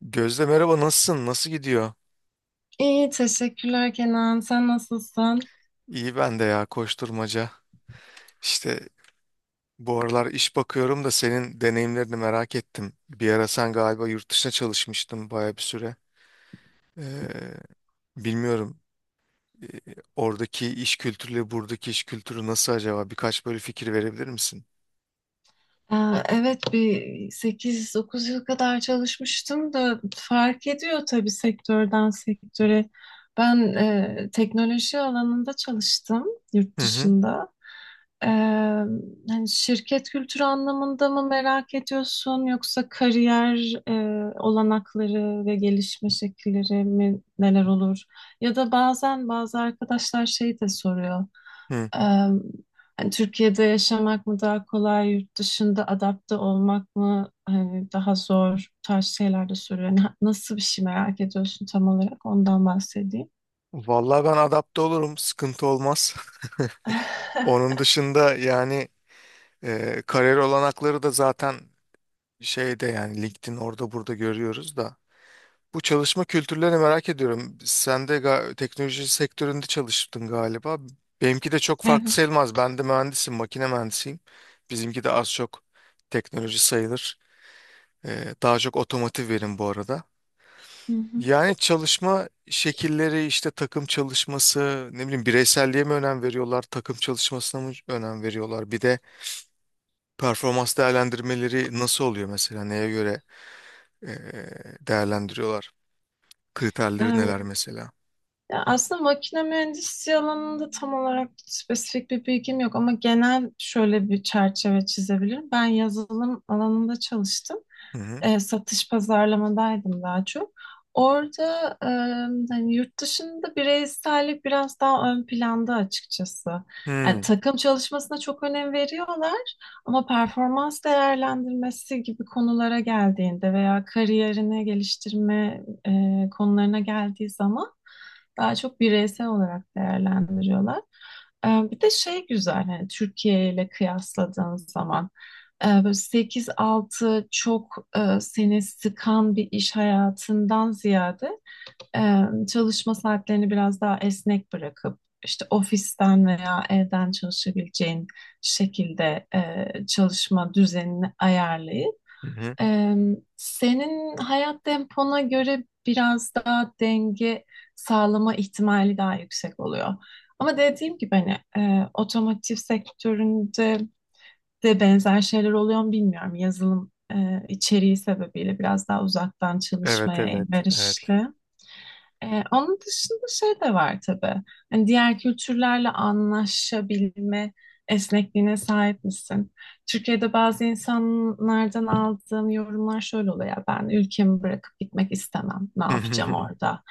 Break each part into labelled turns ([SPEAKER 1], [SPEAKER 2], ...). [SPEAKER 1] Gözde merhaba, nasılsın? Nasıl gidiyor?
[SPEAKER 2] İyi, teşekkürler Kenan. Sen nasılsın?
[SPEAKER 1] İyi, ben de, ya, koşturmaca. İşte bu aralar iş bakıyorum da senin deneyimlerini merak ettim. Bir ara sen galiba yurt dışına çalışmıştın, baya bir süre. Ee, bilmiyorum, ee, oradaki iş kültürüyle buradaki iş kültürü nasıl acaba? Birkaç böyle fikir verebilir misin?
[SPEAKER 2] Evet bir 8, 9 yıl kadar çalışmıştım da fark ediyor tabii sektörden sektöre. Ben teknoloji alanında çalıştım yurt
[SPEAKER 1] Hı hı.
[SPEAKER 2] dışında. E, Hani şirket kültürü anlamında mı merak ediyorsun yoksa kariyer olanakları ve gelişme şekilleri mi neler olur? Ya da bazen bazı arkadaşlar şey de soruyor.
[SPEAKER 1] Hı.
[SPEAKER 2] Em, Hani Türkiye'de yaşamak mı daha kolay, yurt dışında adapte olmak mı hani daha zor bu tarz şeyler de soruyor. Nasıl bir şey merak ediyorsun tam olarak ondan bahsedeyim.
[SPEAKER 1] Vallahi ben adapte olurum. Sıkıntı olmaz. Onun dışında, yani, kariyer olanakları da zaten şeyde, yani LinkedIn, orada burada görüyoruz da. Bu çalışma kültürlerini merak ediyorum. Sen de teknoloji sektöründe çalıştın galiba. Benimki de çok farklı
[SPEAKER 2] Evet.
[SPEAKER 1] sayılmaz. Ben de mühendisim, makine mühendisiyim. Bizimki de az çok teknoloji sayılır. Daha çok otomotiv verim bu arada.
[SPEAKER 2] Hı hı.
[SPEAKER 1] Yani çalışma şekilleri, işte takım çalışması, ne bileyim, bireyselliğe mi önem veriyorlar, takım çalışmasına mı önem veriyorlar? Bir de performans değerlendirmeleri nasıl oluyor mesela? Neye göre ee, değerlendiriyorlar? Kriterleri neler
[SPEAKER 2] Em,
[SPEAKER 1] mesela?
[SPEAKER 2] Ya aslında makine mühendisliği alanında tam olarak spesifik bir bilgim yok ama genel şöyle bir çerçeve çizebilirim. Ben yazılım alanında çalıştım.
[SPEAKER 1] Hı hı.
[SPEAKER 2] Satış pazarlamadaydım daha çok. Orada hani yurt dışında bireysellik biraz daha ön planda açıkçası. Yani
[SPEAKER 1] Hmm.
[SPEAKER 2] takım çalışmasına çok önem veriyorlar ama performans değerlendirmesi gibi konulara geldiğinde veya kariyerini geliştirme konularına geldiği zaman daha çok bireysel olarak değerlendiriyorlar. Bir de şey güzel hani Türkiye ile kıyasladığın zaman. Böyle 8-6 çok seni sıkan bir iş hayatından ziyade e, çalışma saatlerini biraz daha esnek bırakıp işte ofisten veya evden çalışabileceğin şekilde çalışma düzenini ayarlayıp
[SPEAKER 1] Hı hı.
[SPEAKER 2] e, senin hayat tempona göre biraz daha denge sağlama ihtimali daha yüksek oluyor. Ama dediğim gibi hani otomotiv sektöründe de benzer şeyler oluyor mu bilmiyorum. Yazılım içeriği sebebiyle biraz daha uzaktan
[SPEAKER 1] Evet,
[SPEAKER 2] çalışmaya
[SPEAKER 1] evet, evet.
[SPEAKER 2] elverişli. Onun dışında şey de var tabii. Hani diğer kültürlerle anlaşabilme esnekliğine sahip misin? Türkiye'de bazı insanlardan aldığım yorumlar şöyle oluyor. Ya, ben ülkemi bırakıp gitmek istemem. Ne yapacağım orada?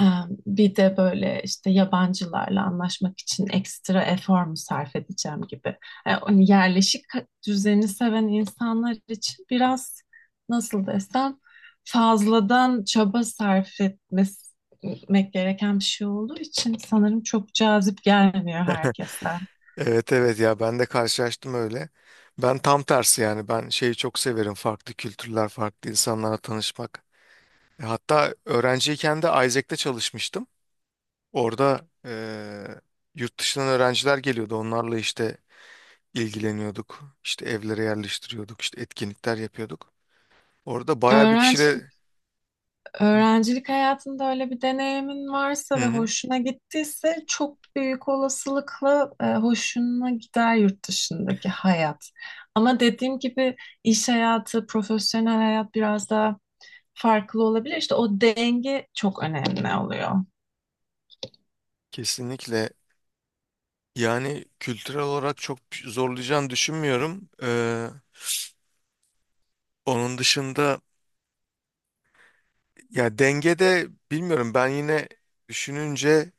[SPEAKER 2] Ee, Bir de böyle işte yabancılarla anlaşmak için ekstra efor mu sarf edeceğim gibi. Hani yerleşik düzeni seven insanlar için biraz nasıl desem fazladan çaba sarf etmesi gitmek gereken bir şey olduğu için sanırım çok cazip gelmiyor herkesten.
[SPEAKER 1] Evet, evet, ya ben de karşılaştım öyle. Ben tam tersi, yani ben şeyi çok severim, farklı kültürler, farklı insanlarla tanışmak. E, hatta öğrenciyken de Isaac'te çalışmıştım. Orada yurt dışından öğrenciler geliyordu, onlarla işte ilgileniyorduk. İşte evlere yerleştiriyorduk, işte etkinlikler yapıyorduk. Orada bayağı bir
[SPEAKER 2] Öğrencilik,
[SPEAKER 1] kişiyle.
[SPEAKER 2] Öğrencilik hayatında öyle bir deneyimin
[SPEAKER 1] Hı
[SPEAKER 2] varsa ve
[SPEAKER 1] hı.
[SPEAKER 2] hoşuna gittiyse çok büyük olasılıkla hoşuna gider yurt dışındaki hayat. Ama dediğim gibi iş hayatı, profesyonel hayat biraz daha farklı olabilir. İşte o denge çok önemli oluyor.
[SPEAKER 1] Kesinlikle, yani kültürel olarak çok zorlayacağını düşünmüyorum. Onun dışında, ya dengede bilmiyorum, ben yine düşününce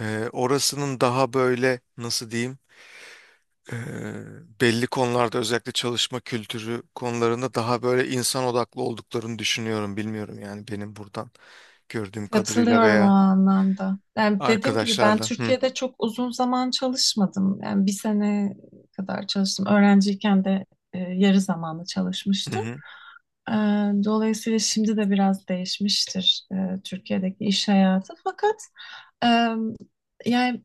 [SPEAKER 1] orasının daha böyle, nasıl diyeyim, e, belli konularda, özellikle çalışma kültürü konularında, daha böyle insan odaklı olduklarını düşünüyorum. Bilmiyorum, yani benim buradan gördüğüm kadarıyla
[SPEAKER 2] Katılıyorum o
[SPEAKER 1] veya
[SPEAKER 2] anlamda. Yani dediğim gibi ben
[SPEAKER 1] arkadaşlarla. Hı
[SPEAKER 2] Türkiye'de çok uzun zaman çalışmadım. Yani bir sene kadar çalıştım. Öğrenciyken de yarı zamanlı
[SPEAKER 1] hı.
[SPEAKER 2] çalışmıştım.
[SPEAKER 1] Hı.
[SPEAKER 2] E, Dolayısıyla şimdi de biraz değişmiştir Türkiye'deki iş hayatı. Fakat e, yani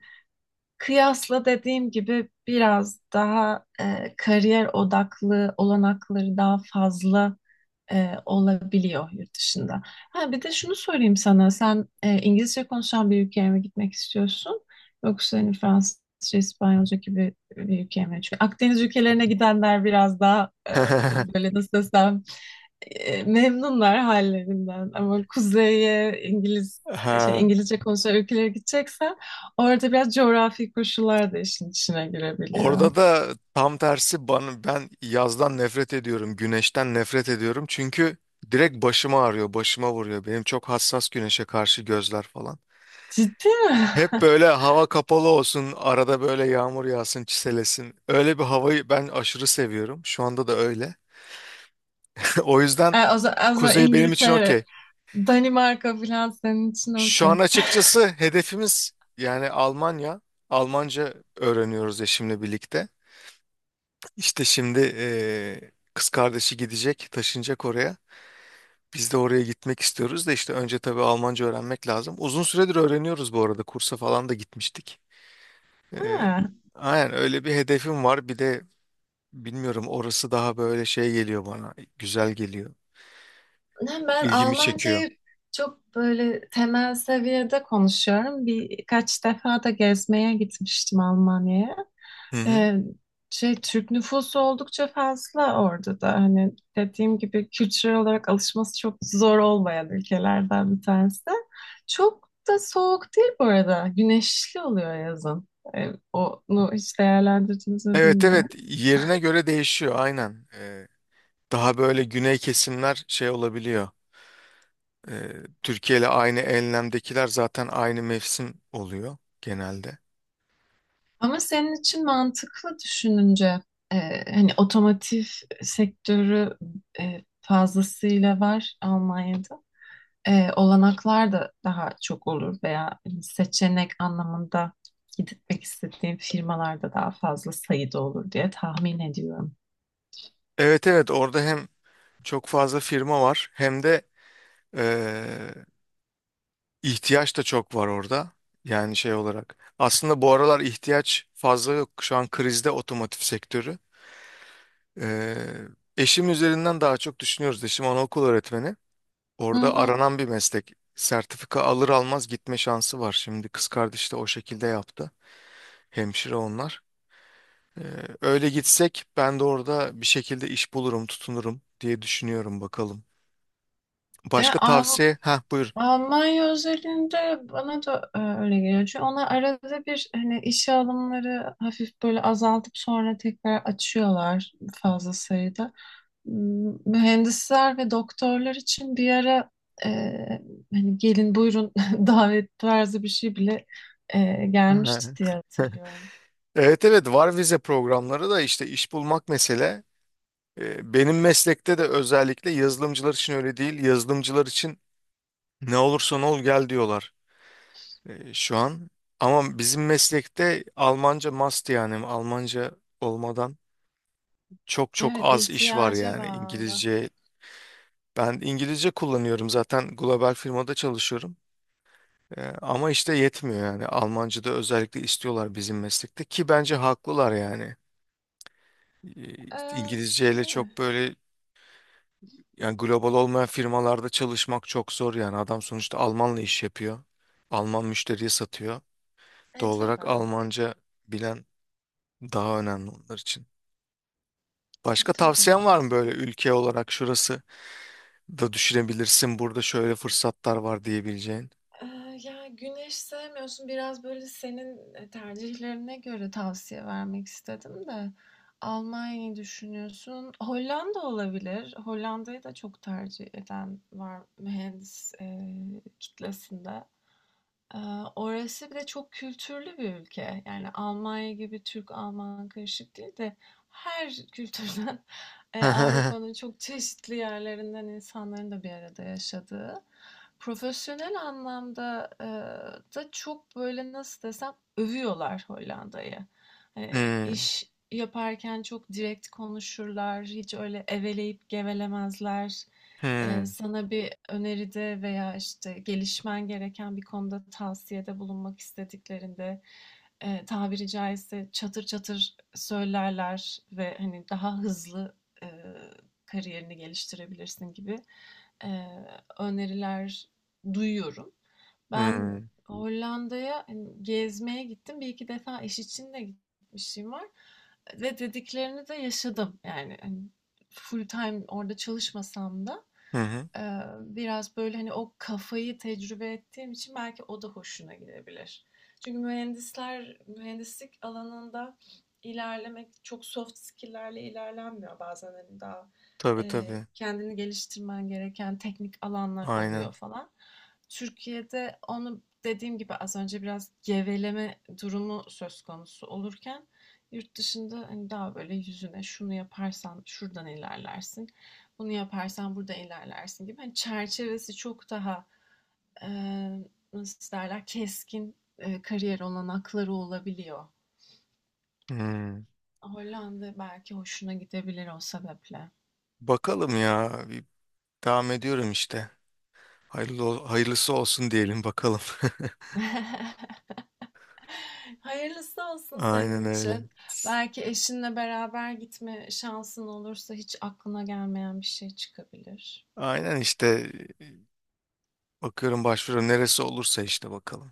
[SPEAKER 2] kıyasla dediğim gibi biraz daha kariyer odaklı olanakları daha fazla olabiliyor yurt dışında. Ha, bir de şunu sorayım sana. Sen İngilizce konuşan bir ülkeye mi gitmek istiyorsun? Yoksa hani Fransızca, İspanyolca gibi bir ülkeye mi? Çünkü Akdeniz ülkelerine gidenler biraz daha böyle nasıl desem memnunlar hallerinden. Ama kuzeye İngiliz şey
[SPEAKER 1] Ha.
[SPEAKER 2] İngilizce konuşan ülkelere gideceksen orada biraz coğrafi koşullar da işin içine girebiliyor.
[SPEAKER 1] Orada da tam tersi bana, ben yazdan nefret ediyorum, güneşten nefret ediyorum. Çünkü direkt başıma ağrıyor, başıma vuruyor. Benim çok hassas güneşe karşı gözler falan.
[SPEAKER 2] Ciddi mi?
[SPEAKER 1] Hep böyle hava kapalı olsun, arada böyle yağmur yağsın, çiselesin. Öyle bir havayı ben aşırı seviyorum. Şu anda da öyle. O yüzden
[SPEAKER 2] O zaman
[SPEAKER 1] kuzey benim için
[SPEAKER 2] İngiltere,
[SPEAKER 1] okey.
[SPEAKER 2] Danimarka falan senin için
[SPEAKER 1] Şu
[SPEAKER 2] okey.
[SPEAKER 1] an açıkçası hedefimiz yani Almanya. Almanca öğreniyoruz eşimle birlikte. İşte şimdi kız kardeşi gidecek, taşınacak oraya. Biz de oraya gitmek istiyoruz da işte önce tabii Almanca öğrenmek lazım. Uzun süredir öğreniyoruz bu arada. Kursa falan da gitmiştik. Ee,
[SPEAKER 2] Ha.
[SPEAKER 1] aynen, öyle bir hedefim var. Bir de bilmiyorum, orası daha böyle şey geliyor bana. Güzel geliyor.
[SPEAKER 2] Yani ben
[SPEAKER 1] İlgimi çekiyor.
[SPEAKER 2] Almancayı çok böyle temel seviyede konuşuyorum. Birkaç defa da gezmeye gitmiştim Almanya'ya.
[SPEAKER 1] Hı hı.
[SPEAKER 2] Ee, Şey Türk nüfusu oldukça fazla orada da hani dediğim gibi kültürel olarak alışması çok zor olmayan ülkelerden bir tanesi. Çok da soğuk değil bu arada. Güneşli oluyor yazın. Onu hiç değerlendirdiniz mi
[SPEAKER 1] Evet,
[SPEAKER 2] bilmiyorum.
[SPEAKER 1] evet, yerine göre değişiyor aynen. Daha böyle güney kesimler şey olabiliyor. Ee, Türkiye ile aynı enlemdekiler zaten aynı mevsim oluyor genelde.
[SPEAKER 2] Ama senin için mantıklı düşününce e, hani otomotiv sektörü fazlasıyla var Almanya'da. Olanaklar da daha çok olur veya hani, seçenek anlamında gitmek istediğim firmalarda daha fazla sayıda olur diye tahmin ediyorum.
[SPEAKER 1] Evet, evet, orada hem çok fazla firma var hem de Ee, ihtiyaç da çok var orada. Yani şey olarak. Aslında bu aralar ihtiyaç fazla yok. Şu an krizde otomotiv sektörü. Ee, Eşim üzerinden daha çok düşünüyoruz. Eşim anaokul öğretmeni.
[SPEAKER 2] Hı
[SPEAKER 1] Orada
[SPEAKER 2] hı.
[SPEAKER 1] aranan bir meslek. Sertifika alır almaz gitme şansı var. Şimdi kız kardeş de o şekilde yaptı. Hemşire onlar. Ee, Öyle gitsek ben de orada bir şekilde iş bulurum, tutunurum diye düşünüyorum, bakalım.
[SPEAKER 2] E,
[SPEAKER 1] Başka
[SPEAKER 2] Av-
[SPEAKER 1] tavsiye? Ha, buyur.
[SPEAKER 2] Almanya özelinde bana da öyle geliyor. Çünkü onlar arada bir hani işe alımları hafif böyle azaltıp sonra tekrar açıyorlar fazla sayıda. Mühendisler ve doktorlar için bir ara e, hani gelin buyurun davet tarzı bir şey bile gelmişti diye hatırlıyorum.
[SPEAKER 1] Evet, evet, var vize programları da, işte iş bulmak mesele. Benim meslekte de özellikle yazılımcılar için öyle değil. Yazılımcılar için ne olursan ol gel diyorlar şu an. Ama bizim meslekte Almanca must, yani Almanca olmadan çok çok
[SPEAKER 2] Evet,
[SPEAKER 1] az iş var,
[SPEAKER 2] ihtiyaca
[SPEAKER 1] yani
[SPEAKER 2] bağlı.
[SPEAKER 1] İngilizce. Ben İngilizce kullanıyorum zaten, global firmada çalışıyorum. Ama işte yetmiyor, yani Almanca da özellikle istiyorlar bizim meslekte, ki bence haklılar yani.
[SPEAKER 2] E,
[SPEAKER 1] İngilizceyle
[SPEAKER 2] Şey,
[SPEAKER 1] çok böyle. Yani global olmayan firmalarda çalışmak çok zor yani. Adam sonuçta Almanla iş yapıyor. Alman müşteriye satıyor. Doğal olarak
[SPEAKER 2] tabii.
[SPEAKER 1] Almanca bilen daha önemli onlar için. Başka
[SPEAKER 2] Tabii,
[SPEAKER 1] tavsiyen var mı, böyle
[SPEAKER 2] mantıklı.
[SPEAKER 1] ülke olarak şurası da düşünebilirsin, burada şöyle fırsatlar var diyebileceğin?
[SPEAKER 2] Ya, güneş sevmiyorsun. Biraz böyle senin tercihlerine göre tavsiye vermek istedim de. Almanya'yı düşünüyorsun. Hollanda olabilir. Hollanda'yı da çok tercih eden var mühendis kitlesinde. Eee, Orası bir de çok kültürlü bir ülke. Yani Almanya gibi Türk-Alman karışık değil de her kültürden, Avrupa'nın çok çeşitli yerlerinden insanların da bir arada yaşadığı. Profesyonel anlamda da çok böyle nasıl desem övüyorlar Hollanda'yı.
[SPEAKER 1] Hmm.
[SPEAKER 2] İş yaparken çok direkt konuşurlar, hiç öyle eveleyip gevelemezler.
[SPEAKER 1] Hmm.
[SPEAKER 2] Sana bir öneride veya işte gelişmen gereken bir konuda tavsiyede bulunmak istediklerinde tabiri caizse çatır çatır söylerler ve hani daha hızlı eee, kariyerini geliştirebilirsin gibi eee, öneriler duyuyorum. Ben
[SPEAKER 1] Hmm.
[SPEAKER 2] Hollanda'ya hani gezmeye gittim. Bir iki defa iş için de gitmişim var ve dediklerini de yaşadım. Yani hani full time orada çalışmasam da
[SPEAKER 1] Hı hı.
[SPEAKER 2] Biraz böyle hani o kafayı tecrübe ettiğim için belki o da hoşuna gidebilir. Çünkü mühendisler, mühendislik alanında ilerlemek çok soft skill'lerle ilerlenmiyor. Bazen hani daha
[SPEAKER 1] Tabii, tabii.
[SPEAKER 2] kendini geliştirmen gereken teknik alanlar
[SPEAKER 1] Aynen.
[SPEAKER 2] oluyor falan. Türkiye'de onu dediğim gibi az önce biraz geveleme durumu söz konusu olurken yurt dışında hani daha böyle yüzüne şunu yaparsan şuradan ilerlersin. Bunu yaparsan burada ilerlersin gibi. Hani çerçevesi çok daha e, nasıl derler keskin kariyer olanakları olabiliyor.
[SPEAKER 1] Hmm.
[SPEAKER 2] Hollanda belki hoşuna gidebilir o sebeple.
[SPEAKER 1] Bakalım ya. Bir devam ediyorum işte. Hayırlısı olsun diyelim, bakalım.
[SPEAKER 2] Hayırlısı olsun
[SPEAKER 1] Aynen
[SPEAKER 2] senin
[SPEAKER 1] öyle.
[SPEAKER 2] için. Belki eşinle beraber gitme şansın olursa hiç aklına gelmeyen bir şey çıkabilir.
[SPEAKER 1] Aynen işte, bakıyorum başvuru neresi olursa, işte bakalım.